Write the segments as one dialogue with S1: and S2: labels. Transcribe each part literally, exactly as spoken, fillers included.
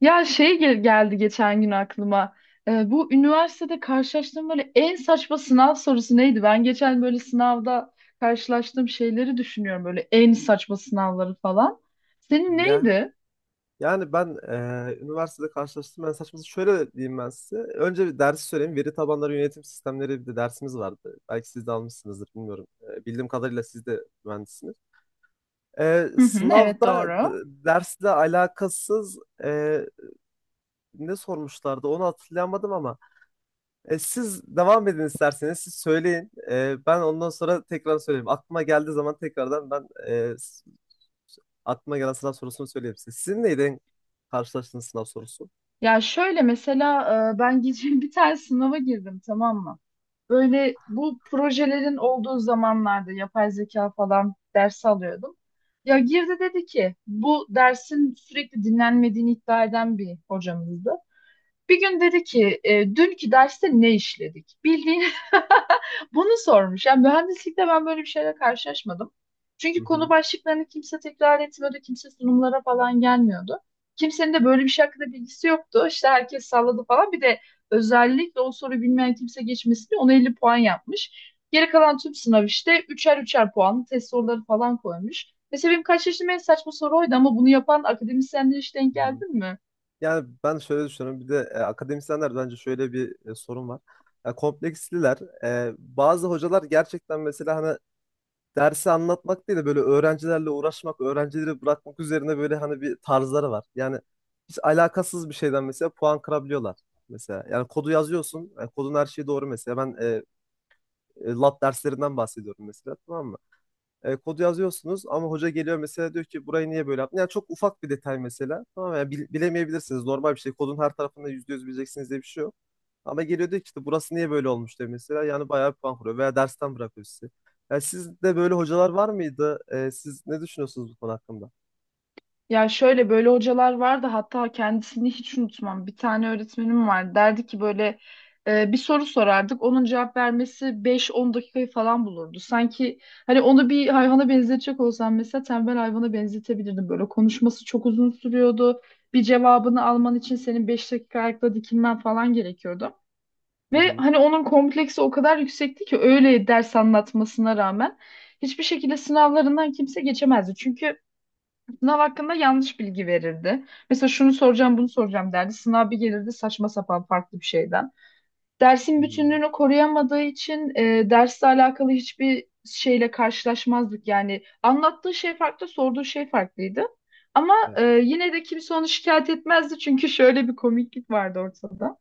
S1: Ya şey gel- geldi geçen gün aklıma. Ee, bu üniversitede karşılaştığım böyle en saçma sınav sorusu neydi? Ben geçen böyle sınavda karşılaştığım şeyleri düşünüyorum. Böyle en saçma sınavları falan. Senin
S2: Ya
S1: neydi?
S2: yani ben eee, üniversitede karşılaştım. Ben saçması şöyle diyeyim ben size. Önce bir dersi söyleyeyim. Veri tabanları yönetim sistemleri bir de dersimiz vardı. Belki siz de almışsınızdır bilmiyorum. Eee, bildiğim kadarıyla siz de mühendissiniz. Eee,
S1: Hı hı, evet
S2: sınavda
S1: doğru.
S2: d- dersle alakasız eee, ne sormuşlardı onu hatırlayamadım ama e, siz devam edin isterseniz siz söyleyin. Eee, ben ondan sonra tekrar söyleyeyim. Aklıma geldiği zaman tekrardan ben eee, s- aklıma gelen sınav sorusunu söyleyeyim size. Sizin neyden en karşılaştığınız sınav sorusu?
S1: Ya şöyle mesela e, ben geçen bir tane sınava girdim, tamam mı? Böyle bu projelerin olduğu zamanlarda yapay zeka falan ders alıyordum. Ya girdi, dedi ki bu dersin sürekli dinlenmediğini iddia eden bir hocamızdı. Bir gün dedi ki e, dünkü derste ne işledik? Bildiğin bunu sormuş. Yani mühendislikte ben böyle bir şeyle karşılaşmadım.
S2: Hı
S1: Çünkü konu
S2: hı.
S1: başlıklarını kimse tekrar etmiyordu. Kimse sunumlara falan gelmiyordu. Kimsenin de böyle bir şey hakkında bilgisi yoktu. İşte herkes salladı falan. Bir de özellikle o soruyu bilmeyen kimse geçmesi diye ona elli puan yapmış. Geri kalan tüm sınav işte üçer üçer puanlı test soruları falan koymuş. Mesela benim kaç yaşım en saçma soru oydu, ama bunu yapan akademisyenler hiç denk
S2: Hı hı.
S1: geldin mi?
S2: Yani ben şöyle düşünüyorum. Bir de e, akademisyenler bence şöyle bir e, sorun var. Ya kompleksliler. E, bazı hocalar gerçekten mesela hani dersi anlatmak değil de böyle öğrencilerle uğraşmak, öğrencileri bırakmak üzerine böyle hani bir tarzları var. Yani hiç alakasız bir şeyden mesela puan kırabiliyorlar. Mesela yani kodu yazıyorsun, yani kodun her şeyi doğru mesela. Ben e, e, lat derslerinden bahsediyorum mesela tamam mı? E, kodu yazıyorsunuz ama hoca geliyor mesela diyor ki burayı niye böyle yaptın? Yani çok ufak bir detay mesela. Tamam yani bil- bilemeyebilirsiniz. Normal bir şey. Kodun her tarafında yüzde yüz bileceksiniz diye bir şey yok. Ama geliyor diyor ki işte burası niye böyle olmuş diyor mesela. Yani bayağı bir puan kırıyor veya dersten bırakıyor sizi. Yani sizde böyle hocalar var mıydı? E, siz ne düşünüyorsunuz bu konu hakkında?
S1: Ya şöyle böyle hocalar vardı, hatta kendisini hiç unutmam. Bir tane öğretmenim var. Derdi ki böyle e, bir soru sorardık. Onun cevap vermesi beş on dakikayı falan bulurdu. Sanki hani onu bir hayvana benzetecek olsam mesela tembel hayvana benzetebilirdim. Böyle konuşması çok uzun sürüyordu. Bir cevabını alman için senin beş dakika ayakta dikilmen falan gerekiyordu.
S2: Hı
S1: Ve
S2: hı.
S1: hani onun kompleksi o kadar yüksekti ki öyle ders anlatmasına rağmen hiçbir şekilde sınavlarından kimse geçemezdi. Çünkü sınav hakkında yanlış bilgi verirdi. Mesela şunu soracağım, bunu soracağım derdi. Sınav bir gelirdi saçma sapan farklı bir şeyden.
S2: Hı
S1: Dersin
S2: hı.
S1: bütünlüğünü koruyamadığı için e, dersle alakalı hiçbir şeyle karşılaşmazdık. Yani anlattığı şey farklı, sorduğu şey farklıydı. Ama
S2: Evet.
S1: e, yine de kimse onu şikayet etmezdi, çünkü şöyle bir komiklik vardı ortada.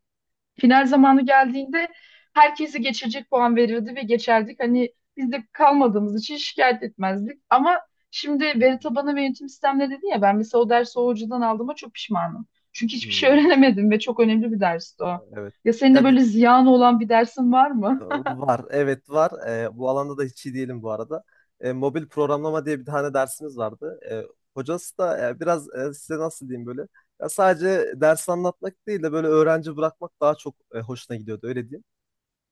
S1: Final zamanı geldiğinde herkesi geçecek puan verirdi ve geçerdik. Hani biz de kalmadığımız için şikayet etmezdik. Ama şimdi
S2: Hı hı.
S1: veri tabanı ve yönetim sistemleri dedi ya, ben mesela o dersi o hocadan aldığıma çok pişmanım. Çünkü hiçbir şey
S2: Hı.
S1: öğrenemedim ve çok önemli bir dersti o.
S2: Evet.
S1: Ya senin de
S2: Ya bi-
S1: böyle ziyan olan bir dersin var mı?
S2: Ee, var, evet var. Ee, bu alanda da hiç iyi değilim bu arada. Ee, mobil programlama diye bir tane dersimiz vardı. Ee, hocası da e, biraz e, size nasıl diyeyim böyle. Ya sadece ders anlatmak değil de böyle öğrenci bırakmak daha çok e, hoşuna gidiyordu öyle diyeyim.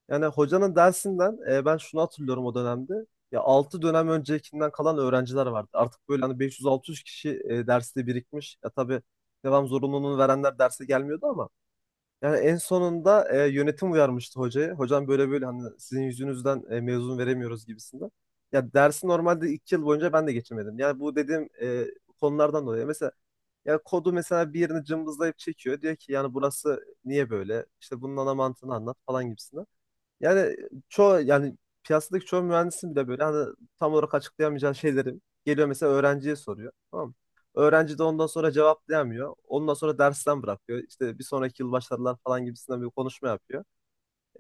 S2: Yani hocanın dersinden e, ben şunu hatırlıyorum o dönemde. Ya altı dönem öncekinden kalan öğrenciler vardı. Artık böyle hani beş yüz altı yüz kişi e, derste birikmiş. Ya tabii devam zorunluluğunu verenler derse gelmiyordu ama. Yani en sonunda e, yönetim uyarmıştı hocayı. Hocam böyle böyle hani sizin yüzünüzden e, mezun veremiyoruz gibisinden. Ya dersi normalde iki yıl boyunca ben de geçemedim. Yani bu dediğim e, konulardan dolayı. Mesela ya kodu mesela bir yerini cımbızlayıp çekiyor. Diyor ki yani burası niye böyle? İşte bunun ana mantığını anlat falan gibisinden. Yani çoğu yani piyasadaki çoğu mühendisin bile böyle hani tam olarak açıklayamayacağı şeyleri geliyor mesela öğrenciye soruyor. Tamam mı? Öğrenci de ondan sonra cevaplayamıyor. Ondan sonra dersten bırakıyor. İşte bir sonraki yıl başlarlar falan gibisinden bir konuşma yapıyor.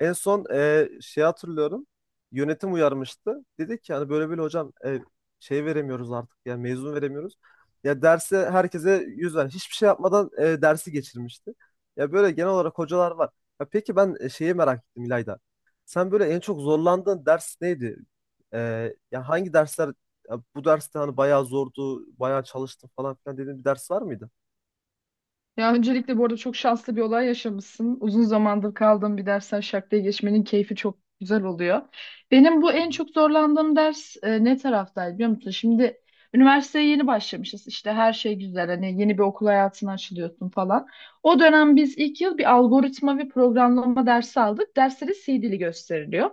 S2: En son e, şey hatırlıyorum. Yönetim uyarmıştı. Dedi ki hani böyle böyle hocam e, şey veremiyoruz artık ya mezun veremiyoruz. Ya derse herkese yüz ver. Hiçbir şey yapmadan e, dersi geçirmişti. Ya böyle genel olarak hocalar var. Ya peki ben e, şeyi merak ettim İlayda. Sen böyle en çok zorlandığın ders neydi? E, ya hangi dersler ya bu derste hani bayağı zordu, bayağı çalıştım falan filan dediğin bir ders var mıydı?
S1: Ya öncelikle bu arada çok şanslı bir olay yaşamışsın. Uzun zamandır kaldığım bir dersten şarkıya geçmenin keyfi çok güzel oluyor. Benim bu en çok zorlandığım ders e, ne taraftaydı biliyor musun? Şimdi üniversiteye yeni başlamışız. İşte her şey güzel. Hani yeni bir okul hayatına açılıyorsun falan. O dönem biz ilk yıl bir algoritma ve programlama dersi aldık. Derste de C dili gösteriliyor.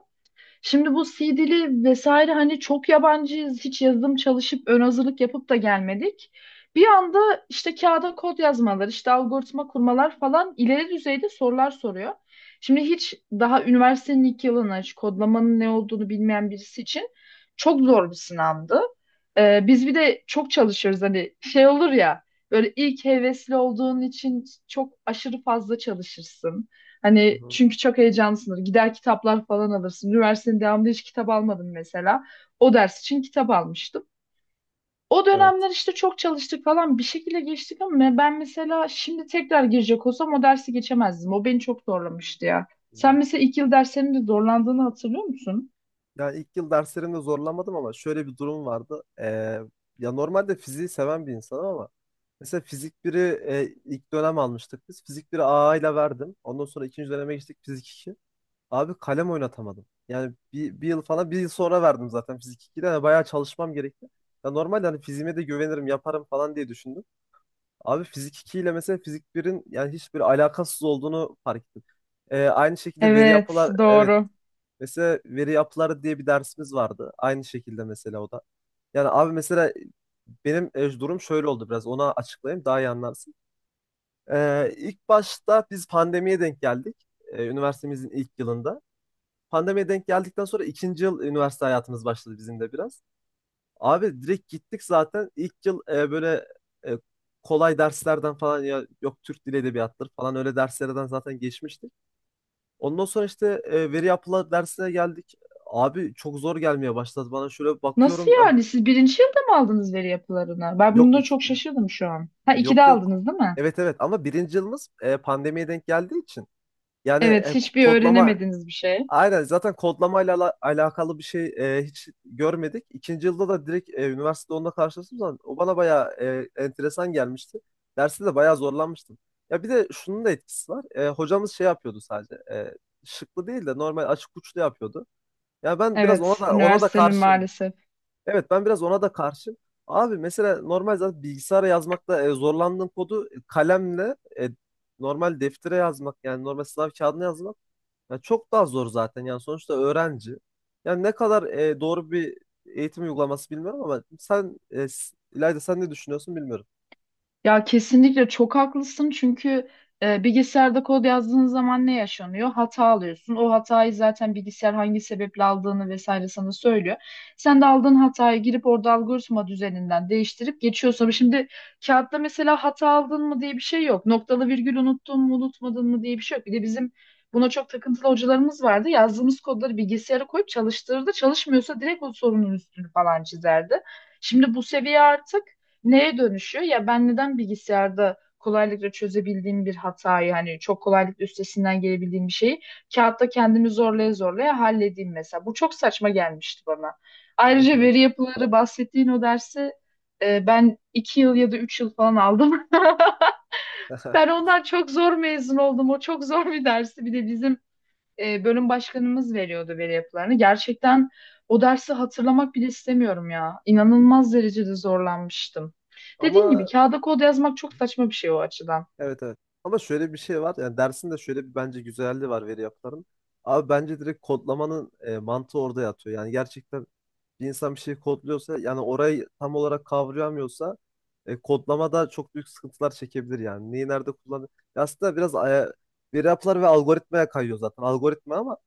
S1: Şimdi bu C dili vesaire hani çok yabancıyız. Hiç yazılım çalışıp ön hazırlık yapıp da gelmedik. Bir anda işte kağıda kod yazmalar, işte algoritma kurmalar falan, ileri düzeyde sorular soruyor. Şimdi hiç daha üniversitenin ilk yılına hiç kodlamanın ne olduğunu bilmeyen birisi için çok zor bir sınavdı. Ee, biz bir de çok çalışıyoruz, hani şey olur ya, böyle ilk hevesli olduğun için çok aşırı fazla çalışırsın.
S2: Hı
S1: Hani
S2: hı.
S1: çünkü çok heyecanlısındır. Gider kitaplar falan alırsın. Üniversitenin devamında hiç kitap almadım mesela. O ders için kitap almıştım. O
S2: Evet.
S1: dönemler işte çok çalıştık falan, bir şekilde geçtik, ama ben mesela şimdi tekrar girecek olsam o dersi geçemezdim. O beni çok zorlamıştı ya. Sen mesela ilk yıl derslerinde zorlandığını hatırlıyor musun?
S2: Yani ilk yıl derslerimde zorlanmadım ama şöyle bir durum vardı. Ee, ya normalde fiziği seven bir insanım ama mesela fizik biri e, ilk dönem almıştık biz. Fizik biri A A ile verdim. Ondan sonra ikinci döneme geçtik fizik iki. Abi kalem oynatamadım. Yani bir, bir yıl falan bir yıl sonra verdim zaten fizik iki'de. Yani bayağı çalışmam gerekti. Ya normalde hani fiziğime de güvenirim yaparım falan diye düşündüm. Abi fizik iki ile mesela fizik birin yani hiçbir alakasız olduğunu fark ettim. Ee, aynı şekilde veri
S1: Evet,
S2: yapılar, evet.
S1: doğru.
S2: Mesela veri yapıları diye bir dersimiz vardı. Aynı şekilde mesela o da. Yani abi mesela benim e, durum şöyle oldu biraz. Ona açıklayayım daha iyi anlarsın. Ee, ilk başta biz pandemiye denk geldik. Ee, üniversitemizin ilk yılında. Pandemiye denk geldikten sonra ikinci yıl üniversite hayatımız başladı bizim de biraz. Abi direkt gittik zaten. İlk yıl e, böyle e, kolay derslerden falan ya yok Türk Dili Edebiyatı'dır falan öyle derslerden zaten geçmiştik. Ondan sonra işte e, veri yapıla dersine geldik. Abi çok zor gelmeye başladı bana. Şöyle
S1: Nasıl
S2: bakıyorum, ya.
S1: yani? Siz birinci yılda mı aldınız veri yapılarını? Ben
S2: Yok,
S1: bunda
S2: ik-
S1: çok şaşırdım şu an. Ha, ikide
S2: yok, yok.
S1: aldınız değil mi?
S2: Evet evet, ama birinci yılımız e, pandemiye denk geldiği için. Yani e,
S1: Evet,
S2: ko-
S1: hiçbir
S2: kodlama,
S1: öğrenemediğiniz bir şey.
S2: aynen, zaten kodlamayla ala- alakalı bir şey e, hiç görmedik. İkinci yılda da direkt e, üniversitede onunla karşılaştığım zaman o bana bayağı e, enteresan gelmişti. Derste de bayağı zorlanmıştım. Ya bir de şunun da etkisi var. E, hocamız şey yapıyordu sadece. E, şıklı değil de normal açık uçlu yapıyordu. Ya ben biraz ona
S1: Evet,
S2: da ona da
S1: üniversitenin
S2: karşım.
S1: maalesef.
S2: Evet, ben biraz ona da karşım. Abi mesela normal zaten bilgisayara yazmakta e, zorlandığın kodu e, kalemle e, normal deftere yazmak, yani normal sınav kağıdına yazmak ya çok daha zor zaten. Yani sonuçta öğrenci. Yani ne kadar e, doğru bir eğitim uygulaması bilmiyorum ama sen e, s- İlayda sen ne düşünüyorsun bilmiyorum.
S1: Ya kesinlikle çok haklısın çünkü e, bilgisayarda kod yazdığın zaman ne yaşanıyor? Hata alıyorsun. O hatayı zaten bilgisayar hangi sebeple aldığını vesaire sana söylüyor. Sen de aldığın hatayı girip orada algoritma düzeninden değiştirip geçiyorsun. Şimdi kağıtta mesela hata aldın mı diye bir şey yok. Noktalı virgül unuttun mu unutmadın mı diye bir şey yok. Bir de bizim buna çok takıntılı hocalarımız vardı. Yazdığımız kodları bilgisayara koyup çalıştırırdı. Çalışmıyorsa direkt o sorunun üstünü falan çizerdi. Şimdi bu seviye artık neye dönüşüyor? Ya ben neden bilgisayarda kolaylıkla çözebildiğim bir hatayı, hani çok kolaylıkla üstesinden gelebildiğim bir şeyi kağıtta kendimi zorlaya zorlaya halledeyim mesela. Bu çok saçma gelmişti bana.
S2: Evet,
S1: Ayrıca
S2: evet.
S1: veri yapıları bahsettiğin o dersi e, ben iki yıl ya da üç yıl falan aldım. Ben ondan çok zor mezun oldum. O çok zor bir dersi. Bir de bizim e, bölüm başkanımız veriyordu veri yapılarını. Gerçekten o dersi hatırlamak bile istemiyorum ya. İnanılmaz derecede zorlanmıştım. Dediğim
S2: Ama.
S1: gibi kağıda kod yazmak çok saçma bir şey o açıdan.
S2: Evet, evet. Ama şöyle bir şey var. Yani dersin de şöyle bir, bence, güzelliği var veri yapıların. Abi bence direkt kodlamanın e, mantığı orada yatıyor. Yani gerçekten bir insan bir şey kodluyorsa, yani orayı tam olarak kavrayamıyorsa e, kodlamada çok büyük sıkıntılar çekebilir yani. Neyi nerede kullanır? Ya aslında biraz aya, veri yapılar ve algoritmaya kayıyor zaten. Algoritma, ama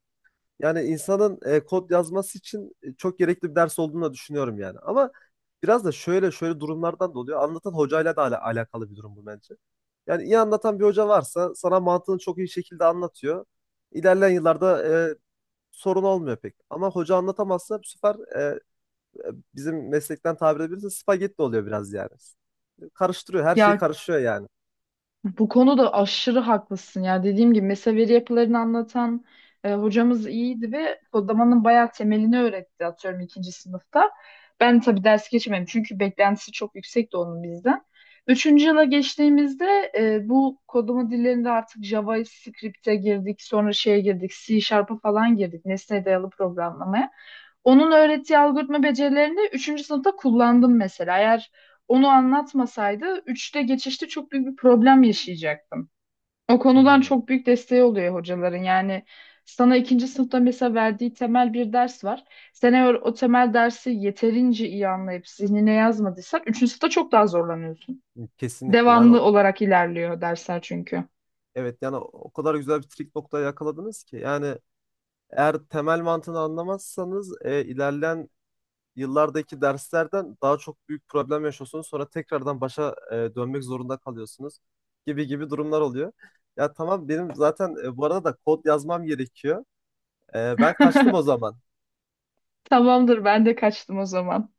S2: yani insanın e, kod yazması için e, çok gerekli bir ders olduğunu da düşünüyorum yani. Ama biraz da şöyle şöyle durumlardan da oluyor. Anlatan hocayla da ala- alakalı bir durum bu bence. Yani iyi anlatan bir hoca varsa sana mantığını çok iyi şekilde anlatıyor. İlerleyen yıllarda e, sorun olmuyor pek. Ama hoca anlatamazsa bu sefer e, e, bizim meslekten tabir edebilirse spagetti oluyor biraz yani. Karıştırıyor, her şey
S1: Ya
S2: karışıyor yani.
S1: bu konuda aşırı haklısın ya. Dediğim gibi mesela veri yapılarını anlatan e, hocamız iyiydi ve kodlamanın bayağı temelini öğretti atıyorum ikinci sınıfta. Ben tabii ders geçmedim çünkü beklentisi çok yüksekti onun bizden. Üçüncü yıla geçtiğimizde e, bu kodlama dillerinde artık JavaScript'e girdik, sonra şeye girdik, C Sharp'a falan girdik, nesne dayalı programlamaya. Onun öğrettiği algoritma becerilerini üçüncü sınıfta kullandım mesela. Eğer onu anlatmasaydı üçte geçişte çok büyük bir problem yaşayacaktım. O konudan
S2: Hmm,
S1: çok büyük desteği oluyor hocaların. Yani sana ikinci sınıfta mesela verdiği temel bir ders var. Sen eğer o temel dersi yeterince iyi anlayıp zihnine yazmadıysan üçüncü sınıfta çok daha zorlanıyorsun.
S2: kesinlikle. Yani o-
S1: Devamlı olarak ilerliyor dersler çünkü.
S2: evet, yani o o kadar güzel bir trik noktaya yakaladınız ki yani. Eğer temel mantığını anlamazsanız e, ilerleyen yıllardaki derslerden daha çok büyük problem yaşıyorsunuz. Sonra tekrardan başa e, dönmek zorunda kalıyorsunuz gibi gibi durumlar oluyor. Ya tamam, benim zaten e, bu arada da kod yazmam gerekiyor. E, ben kaçtım o zaman.
S1: Tamamdır, ben de kaçtım o zaman.